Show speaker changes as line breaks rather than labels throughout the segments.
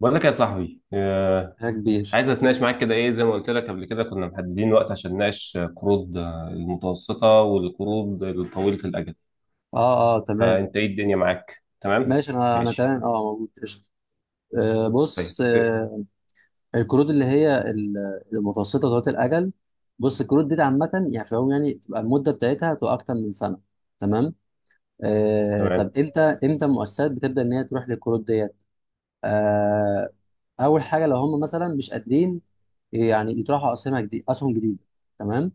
بقول لك يا صاحبي،
يا كبير.
عايز اتناقش معاك كده ايه، زي ما قلت لك قبل كده كنا محددين وقت عشان نناقش قروض المتوسطة والقروض الطويلة الأجل.
اه تمام،
فأنت ايه الدنيا معاك؟ تمام.
ماشي، انا
ماشي.
تمام، اه، موجود، قشطه. آه
طيب
بص،
إيه؟
آه الكروت اللي هي المتوسطه ذات الاجل. بص الكروت دي عامه، يعني في العموم يعني بتبقى المده بتاعتها بتبقى اكتر من سنه، تمام. آه
تمام.
طب امتى المؤسسات بتبدا ان هي تروح للكروت ديت؟ آه اول حاجه، لو هم مثلا مش قادرين يعني يطرحوا اسهم جديده، تمام،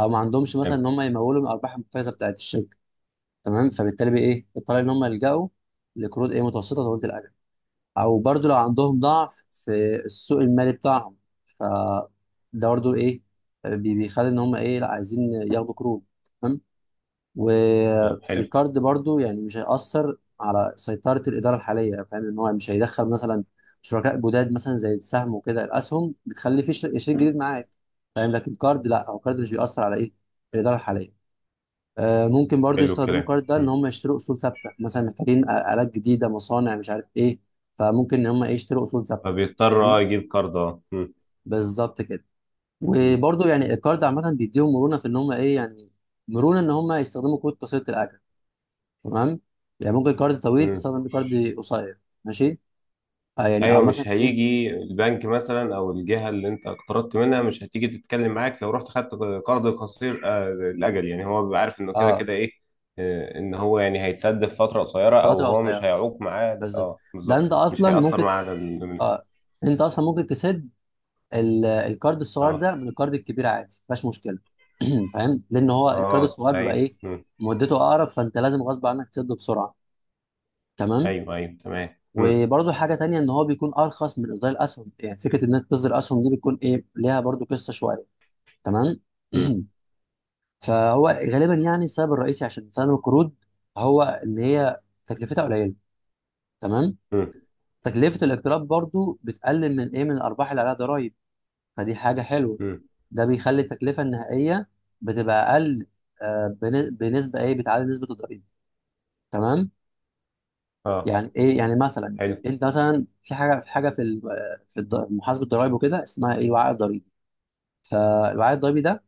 او ما عندهمش مثلا
تمام
ان هم يمولوا من الارباح المحتجزه بتاعت الشركه، تمام. فبالتالي بقى ايه الطريقه؟ ان هم يلجأوا لقروض ايه، متوسطه طويله الاجل، او برضو لو عندهم ضعف في السوق المالي بتاعهم. ف ده برضو ايه، بيخلي ان هم ايه، لا عايزين ياخدوا قروض، تمام.
تمام. حلو.
والقرض برضو يعني مش هيأثر على سيطره الاداره الحاليه، فاهم ان هو مش هيدخل مثلا شركاء جداد، مثلا زي السهم وكده، الاسهم بتخلي في شريك جديد معاك، فاهم؟ لكن قرض لا، هو قرض مش بيأثر على ايه، الاداره الحاليه. آه، ممكن برضو
حلو
يستخدموا
الكلام.
الكارد ده ان
مم.
هم يشتروا اصول ثابته، مثلا محتاجين الات جديده، مصانع، مش عارف ايه، فممكن ان هم إيه، يشتروا اصول ثابته،
فبيضطر
فاهمني؟
يجيب كارد
بالظبط كده.
مم.
وبرضو يعني الكارد عامه بيديهم مرونه في ان هم ايه يعني، مرونه ان هم يستخدموا كود قصيره الاجل، تمام. يعني ممكن كارد طويل
مم.
تستخدم بيه كارد قصير، ماشي. آه يعني، او
ايوه،
مثلا
مش
ايه،
هيجي البنك مثلا او الجهه اللي انت اقترضت منها مش هتيجي تتكلم معاك لو رحت خدت قرض قصير الاجل. يعني هو بيبقى عارف انه كده
اه،
كده ايه ان هو يعني هيتسد في فتره قصيره، او
فتره
هو مش
قصيره،
هيعوق معاه.
بالظبط.
اه،
ده
بالظبط،
انت
مش
اصلا
هيأثر
ممكن،
معاه على ال-.
اه، انت اصلا ممكن تسد الكارد الصغير
اه
ده من الكارد الكبير، عادي، مفيهاش مشكله. فاهم، لان هو الكارد
اه.
الصغير بيبقى
ايوه.
ايه،
مم.
مدته اقرب، فانت لازم غصب عنك تسده بسرعه، تمام.
ايوه ايوه تمام. مم.
وبرده حاجه تانية، ان هو بيكون ارخص من اصدار الاسهم، يعني فكره انك تصدر اسهم دي بتكون ايه، ليها برده قصه شويه، تمام.
مم.
فهو غالبا يعني السبب الرئيسي عشان تسلم القروض، هو ان هي تكلفتها قليله، تمام.
مم.
تكلفه الاقتراض برضو بتقلل من ايه، من الارباح اللي عليها ضرائب، فدي حاجه حلوه.
مم.
ده بيخلي التكلفه النهائيه بتبقى اقل، آه، بنسبه ايه، بتعادل نسبه الضريبه، تمام.
اه.
يعني ايه يعني؟ مثلا يعني
حلو.
انت مثلا في حاجه في حاجه في آه، في محاسبه الضرائب وكده، اسمها ايه، وعاء الضريبي. فالوعاء الضريبي ده،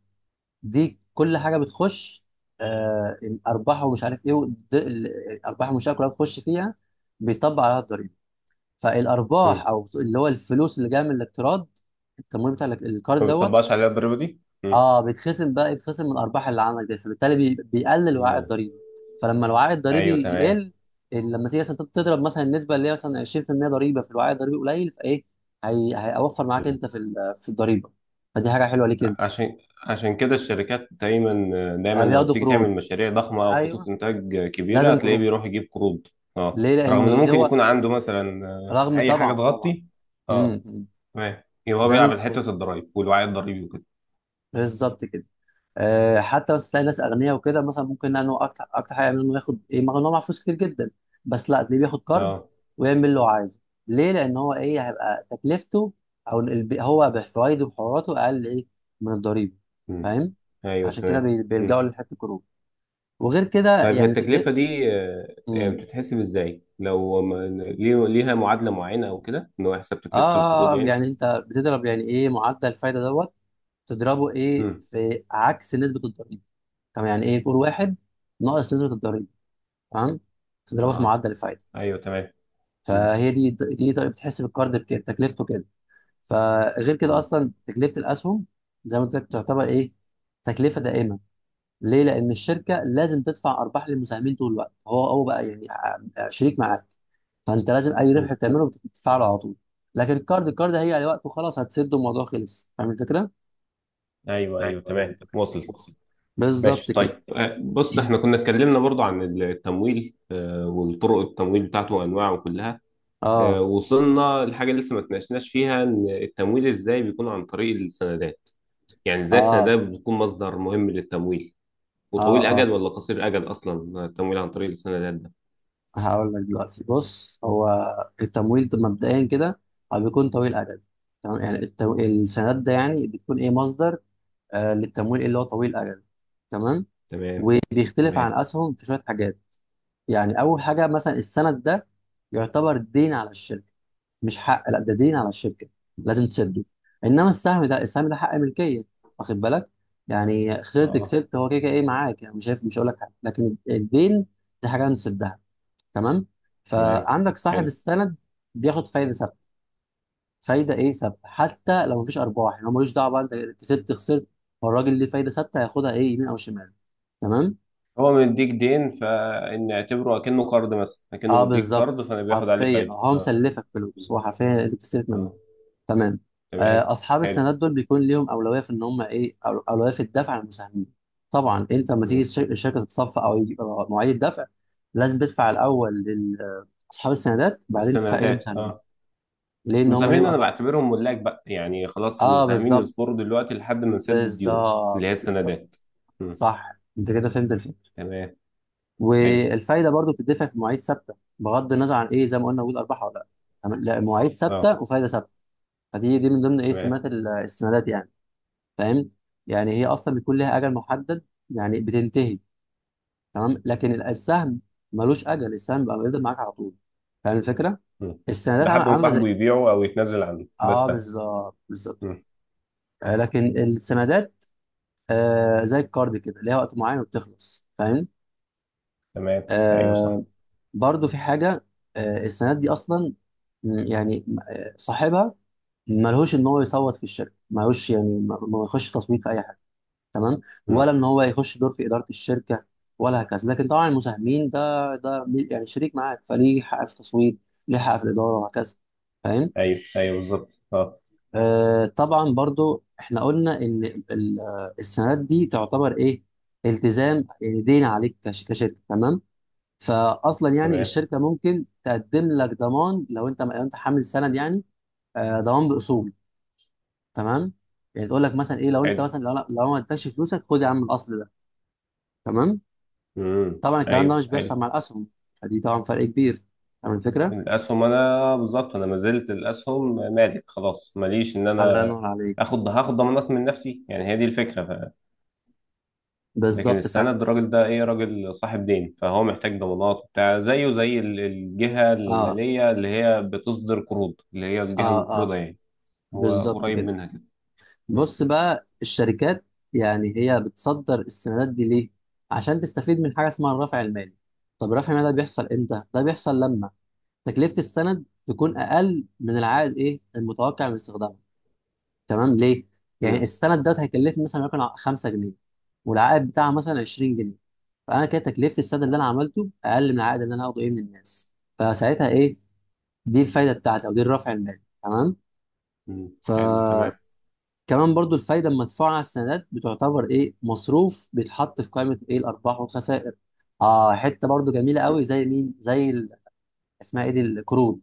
دي كل حاجه بتخش، آه، الارباح ومش عارف ايه، الارباح المنشاه كلها بتخش فيها، بيطبق عليها الضريبه. فالارباح
مم.
او اللي هو الفلوس اللي جايه من الاقتراض، التمويل بتاع القرض
ما
دوت،
بتطبقش عليها الضريبه دي. مم.
اه بيتخصم بقى، يتخصم من الارباح اللي عندك دي، فبالتالي بيقلل الوعاء
مم.
الضريبي. فلما الوعاء
ايوه
الضريبي
تمام.
يقل، لما تيجي مثلا تضرب مثلا النسبه اللي هي مثلا 20% ضريبه في الوعاء الضريبي قليل، فايه، هيوفر معاك انت في في الضريبه، فدي حاجه حلوه ليك انت.
عشان عشان كده الشركات دايما دايما
آه،
لما
بياخدوا
بتيجي
قروض،
تعمل مشاريع ضخمه او خطوط
ايوه،
انتاج كبيره
لازم
هتلاقيه
قروض،
بيروح يجيب قروض. اه،
ليه؟
رغم
لان
انه ممكن
هو،
يكون عنده مثلا
رغم،
اي حاجه
طبعا طبعا،
تغطي.
امم
اه.
امم.
تمام، يبقى هو
زي ما
بيلعب
انت
على
قلت،
حته الضرايب والوعي الضريبي وكده.
بالظبط كده. آه، حتى بس تلاقي ناس اغنياء وكده، مثلا ممكن لانه اكتر، اكتر حاجه يعمل انه ياخد ايه، مع ان هو معاه فلوس كتير جدا، بس لا، تلاقيه بياخد كارد
اه.
ويعمل اللي هو عايزه، ليه؟ لان هو ايه، هيبقى تكلفته، او هو بفوايده وحراته اقل ايه، من الضريبه،
مم.
فاهم؟
ايوه
عشان كده
تمام. مم.
بيلجأوا لحته القروض. وغير كده
طيب، هي
يعني تكلفه،
التكلفه دي يعني
امم،
بتتحسب ازاي لو ما-؟ ليها معادله معينه او كده ان هو يحسب
آه,
تكلفه
آه,
القروض
اه
يعني.
يعني انت بتضرب يعني ايه، معدل الفايده دوت، تضربه ايه
مم.
في عكس نسبه الضريبه. طب يعني ايه؟ كور واحد ناقص نسبه الضريبه، تمام، تضربه في
اه.
معدل الفايده.
ايوه تمام. مم.
فهي دي طريقه بتحس بالكارد بكده تكلفته كده. فغير كده،
مم.
اصلا تكلفه الاسهم زي ما قلت لك تعتبر ايه، تكلفه دائمه، ليه؟ لان الشركه لازم تدفع ارباح للمساهمين طول الوقت، هو بقى يعني شريك معاك، فانت لازم اي ربح
مم.
بتعمله بتدفعه على طول. لكن الكارد، الكارد هيجي على وقت وخلاص هتسد الموضوع، خلص، فاهم الفكره؟
ايوه ايوه تمام، وصل.
بالظبط
ماشي.
كده.
طيب، بص احنا كنا اتكلمنا برضو عن التمويل، والطرق التمويل بتاعته وانواعه كلها
اه
آه، وصلنا لحاجه لسه ما اتناقشناش فيها ان التمويل ازاي بيكون عن طريق السندات. يعني ازاي
اه
السندات بتكون مصدر مهم للتمويل،
اه
وطويل
اه
اجل ولا قصير اجل اصلا التمويل عن طريق السندات ده؟
هقول لك دلوقتي، بص هو التمويل ده مبدئيا كده هو بيكون طويل اجل، تمام. يعني السندات ده يعني بتكون ايه، مصدر آه للتمويل اللي هو طويل اجل، تمام.
تمام.
وبيختلف عن
تمام.
اسهم في شويه حاجات. يعني اول حاجه، مثلا السند ده يعتبر دين على الشركه، مش حق، لا ده دين على الشركه، لازم تسده. انما السهم ده حق ملكيه، واخد بالك؟ يعني خسرت
اه.
كسبت، هو كده كده ايه معاك، يعني مش شايف، مش هقول لك حاجه. لكن الدين دي حاجه نسدها، تمام.
تمام.
فعندك صاحب
حلو.
السند بياخد فايده ثابته، فايده ايه، ثابته، حتى لو مفيش ارباح، يعني هو ملوش دعوه، بقى انت كسبت خسرت، فالراجل ليه فايده ثابته، هياخدها ايه يمين او شمال، تمام.
هو مديك دين، فان اعتبره اكنه قرض، مثلا اكنه
اه
مديك قرض
بالظبط،
فانا بياخد عليه
حرفيا
فايده.
هو
اه.
مسلفك فلوس، هو حرفيا اللي بتستلف منه،
اه.
تمام.
تمام.
آه اصحاب
حلو.
السندات دول بيكون ليهم اولويه في ان هم ايه، اولويه في الدفع عن المساهمين. طبعا انت لما تيجي
مم.
الشركه تتصفى، او يجي أو مواعيد الدفع، لازم تدفع الاول لاصحاب السندات، وبعدين تدفع ايه
السندات.
للمساهمين،
اه.
ليه؟ ان هم
المساهمين
ليهم،
انا بعتبرهم ملاك بقى، يعني خلاص
اه
المساهمين
بالظبط
يصبروا دلوقتي لحد ما نسدد الديون اللي هي
بالظبط بالظبط.
السندات. مم.
صح، انت كده فهمت الفكره.
تمام. حلو.
والفايده برضو بتدفع في مواعيد ثابته بغض النظر عن ايه، زي ما قلنا، وجود ارباح ولا لا، تمام؟ لا، مواعيد
اه.
ثابته وفايده ثابته. فدي من ضمن ايه،
تمام.
سمات السندات يعني، فاهم؟ يعني هي اصلا بيكون لها اجل محدد، يعني بتنتهي، تمام. لكن السهم ملوش اجل، السهم بقى بيفضل معاك على طول، فاهم الفكره؟
مم.
السندات عامله،
لحد ما
عاملة زي،
صاحبه يبيعه او يتنازل عنه ده
اه
السبب.
بالظبط بالظبط.
مم.
آه، لكن السندات، آه زي الكارد كده، ليها وقت معين وبتخلص، فاهم.
تمام. ايوه صح.
آه برضو في حاجة، آه السندات دي أصلا، يعني آه، صاحبها ملهوش إن هو يصوت في الشركة، ملهوش يعني ما يخش تصويت في أي حاجة، تمام. ولا
مم.
إن هو يخش دور في إدارة الشركة ولا هكذا. لكن طبعا المساهمين ده يعني شريك معاك، فليه حق في التصويت، ليه حق في الإدارة وهكذا، فاهم.
ايوه ايوه بالظبط اه.
آه طبعا برضو إحنا قلنا إن آه، السندات دي تعتبر إيه، التزام، يعني دين عليك كشركة، تمام. فاصلا يعني
تمام.
الشركه ممكن تقدم لك ضمان، لو انت، لو انت حامل سند يعني، آه، ضمان باصول، تمام. يعني تقول لك مثلا ايه، لو انت
حلو.
مثلا لو ما ادكش فلوسك، خد يا عم الاصل ده، تمام.
مم.
طبعا الكلام ده
ايوه
مش
حلو.
بيحصل مع الاسهم، فدي طبعا فرق كبير، فاهم الفكره.
الاسهم انا بالظبط، انا ما زلت الاسهم مالك خلاص ماليش ان
الله
انا
ينور عليك،
هاخد ضمانات من نفسي، يعني هي دي الفكره. لكن
بالظبط فعلا،
السند الراجل ده ايه، راجل صاحب دين فهو محتاج ضمانات وبتاع، زيه زي ال- الجهة
اه
المالية اللي هي بتصدر قروض اللي هي الجهة
اه
المقرضة يعني. هو
بالظبط
قريب
كده.
منها كده. مم.
بص بقى الشركات، يعني هي بتصدر السندات دي ليه؟ عشان تستفيد من حاجه اسمها الرفع المالي. طب الرفع المالي ده بيحصل امتى؟ ده بيحصل لما تكلفة السند تكون أقل من العائد إيه، المتوقع من استخدامه، تمام. ليه؟ يعني
مم.
السند دوت هيكلفني مثلا وليكن 5 جنيه، والعائد بتاعها مثلا 20 جنيه، فأنا كده تكلفة السند اللي أنا عملته أقل من العائد اللي أنا هاخده إيه من الناس، فساعتها إيه، دي الفايدة بتاعتي، أو دي الرفع المالي، تمام.
مم. حلو تمام.
فكمان، برضو الفايدة المدفوعة على السندات بتعتبر إيه، مصروف بيتحط في قائمة إيه، الأرباح والخسائر، آه حتة برضو جميلة قوي، زي مين، زي اسمها إيه دي، القروض.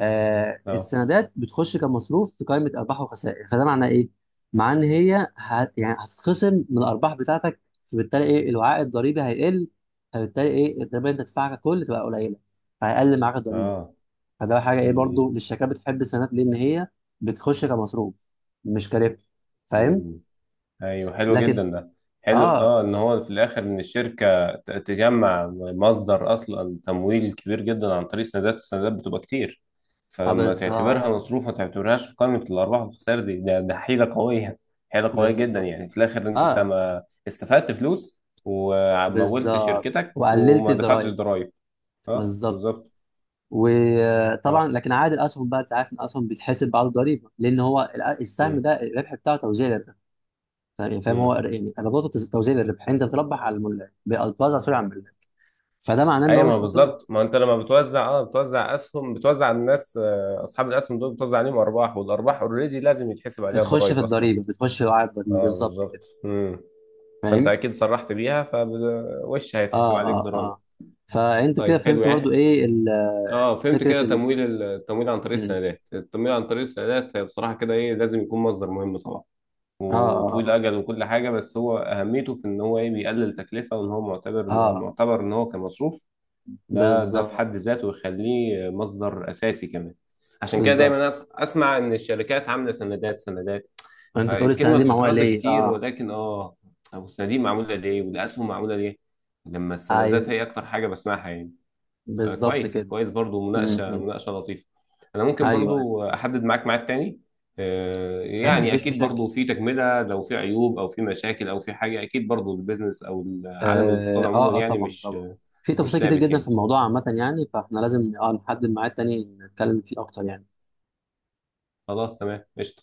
آه
اه.
السندات بتخش كمصروف في قائمه ارباح وخسائر، فده معناه ايه؟ معناه ان هي هت، يعني هتتخصم من الارباح بتاعتك، فبالتالي ايه، الوعاء الضريبي هيقل، فبالتالي ايه، الضريبه اللي انت تدفعها ككل تبقى قليله، فهيقل معاك الضريبه،
اه.
فده حاجه ايه
مم.
برضو، للشركات بتحب السندات ليه؟ ان هي بتخش كمصروف، مش كربح، فاهم؟
مم. ايوه حلو
لكن،
جدا ده. حلو،
اه
اه ان هو في الاخر ان الشركه تجمع مصدر اصلا تمويل كبير جدا عن طريق السندات، السندات بتبقى كتير.
اه
فلما
بالظبط،
تعتبرها مصروف ما تعتبرهاش في قائمه الارباح والخسائر دي ده حيله قويه. حيله قويه جدا،
بالظبط،
يعني في الاخر انت
اه
ما استفدت فلوس ومولت
بالظبط،
شركتك
وقللت
وما دفعتش
الضرايب،
ضرائب. اه
بالظبط.
بالظبط.
وطبعا
اه.
لكن عائد الاسهم بقى، انت عارف ان الاسهم بيتحسب بعد الضريبه، لان هو السهم
مم.
ده الربح بتاعه توزيع للربح يعني، فاهم، هو
مم.
يعني ايراداته توزيع للربح، يعني انت بتربح على الملاك، بتوزع، سوري، على الملاك، فده معناه ان هو
ايوه، ما
مش مصروف،
بالظبط، ما انت لما بتوزع اه بتوزع اسهم بتوزع على الناس، اصحاب الاسهم دول بتوزع عليهم ارباح والارباح اوريدي لازم يتحسب عليها
تخش في
الضرايب اصلا.
الضريبه، بتخش في عائد الضريبه،
اه
بالظبط كده،
بالظبط. امم. فانت
فاهم.
اكيد صرحت بيها فوش هيتحسب
اه
عليك
اه
ضرايب.
اه فانت كده
طيب، حلو
فهمت برضو
يعني.
ايه
اه، فهمت كده
فكره
تمويل ال- التمويل عن طريق
مم.
السندات، التمويل عن طريق السندات هي بصراحه كده ايه لازم يكون مصدر مهم طبعا،
اه
وطويل
اه
الاجل وكل حاجه، بس هو اهميته في ان هو ايه بيقلل تكلفه وان هو معتبر
اه آه،
معتبر ان هو كمصروف. ده في حد
بالظبط
ذاته يخليه مصدر اساسي كمان. عشان كده
بالظبط.
دايما اسمع ان الشركات عامله سندات سندات.
انت تقول السنه
فالكلمه
دي معموله
بتتردد
ليه،
كتير
اه،
ولكن اه، طب الصناديق معموله ليه والاسهم معموله ليه لما السندات
ايوه،
هي اكتر حاجه بسمعها يعني؟
بالظبط
فكويس
كده.
كويس، برضو
مم،
مناقشه
مم.
مناقشه لطيفه. انا ممكن
ايوه، أيوه.
برضو احدد معاك ميعاد تاني،
آه،
يعني
مفيش
اكيد
مشاكل،
برضو في تكمله لو في عيوب او في مشاكل او في حاجه، اكيد برضو البيزنس او عالم
اه
الاقتصاد عموما
اه آه،
يعني
طبعا
مش
طبعا، في
مش
تفاصيل كتير
ثابت
جدا في
يعني.
الموضوع عامة يعني، فاحنا لازم اه نحدد ميعاد تاني نتكلم فيه اكتر يعني.
خلاص تمام قشطة.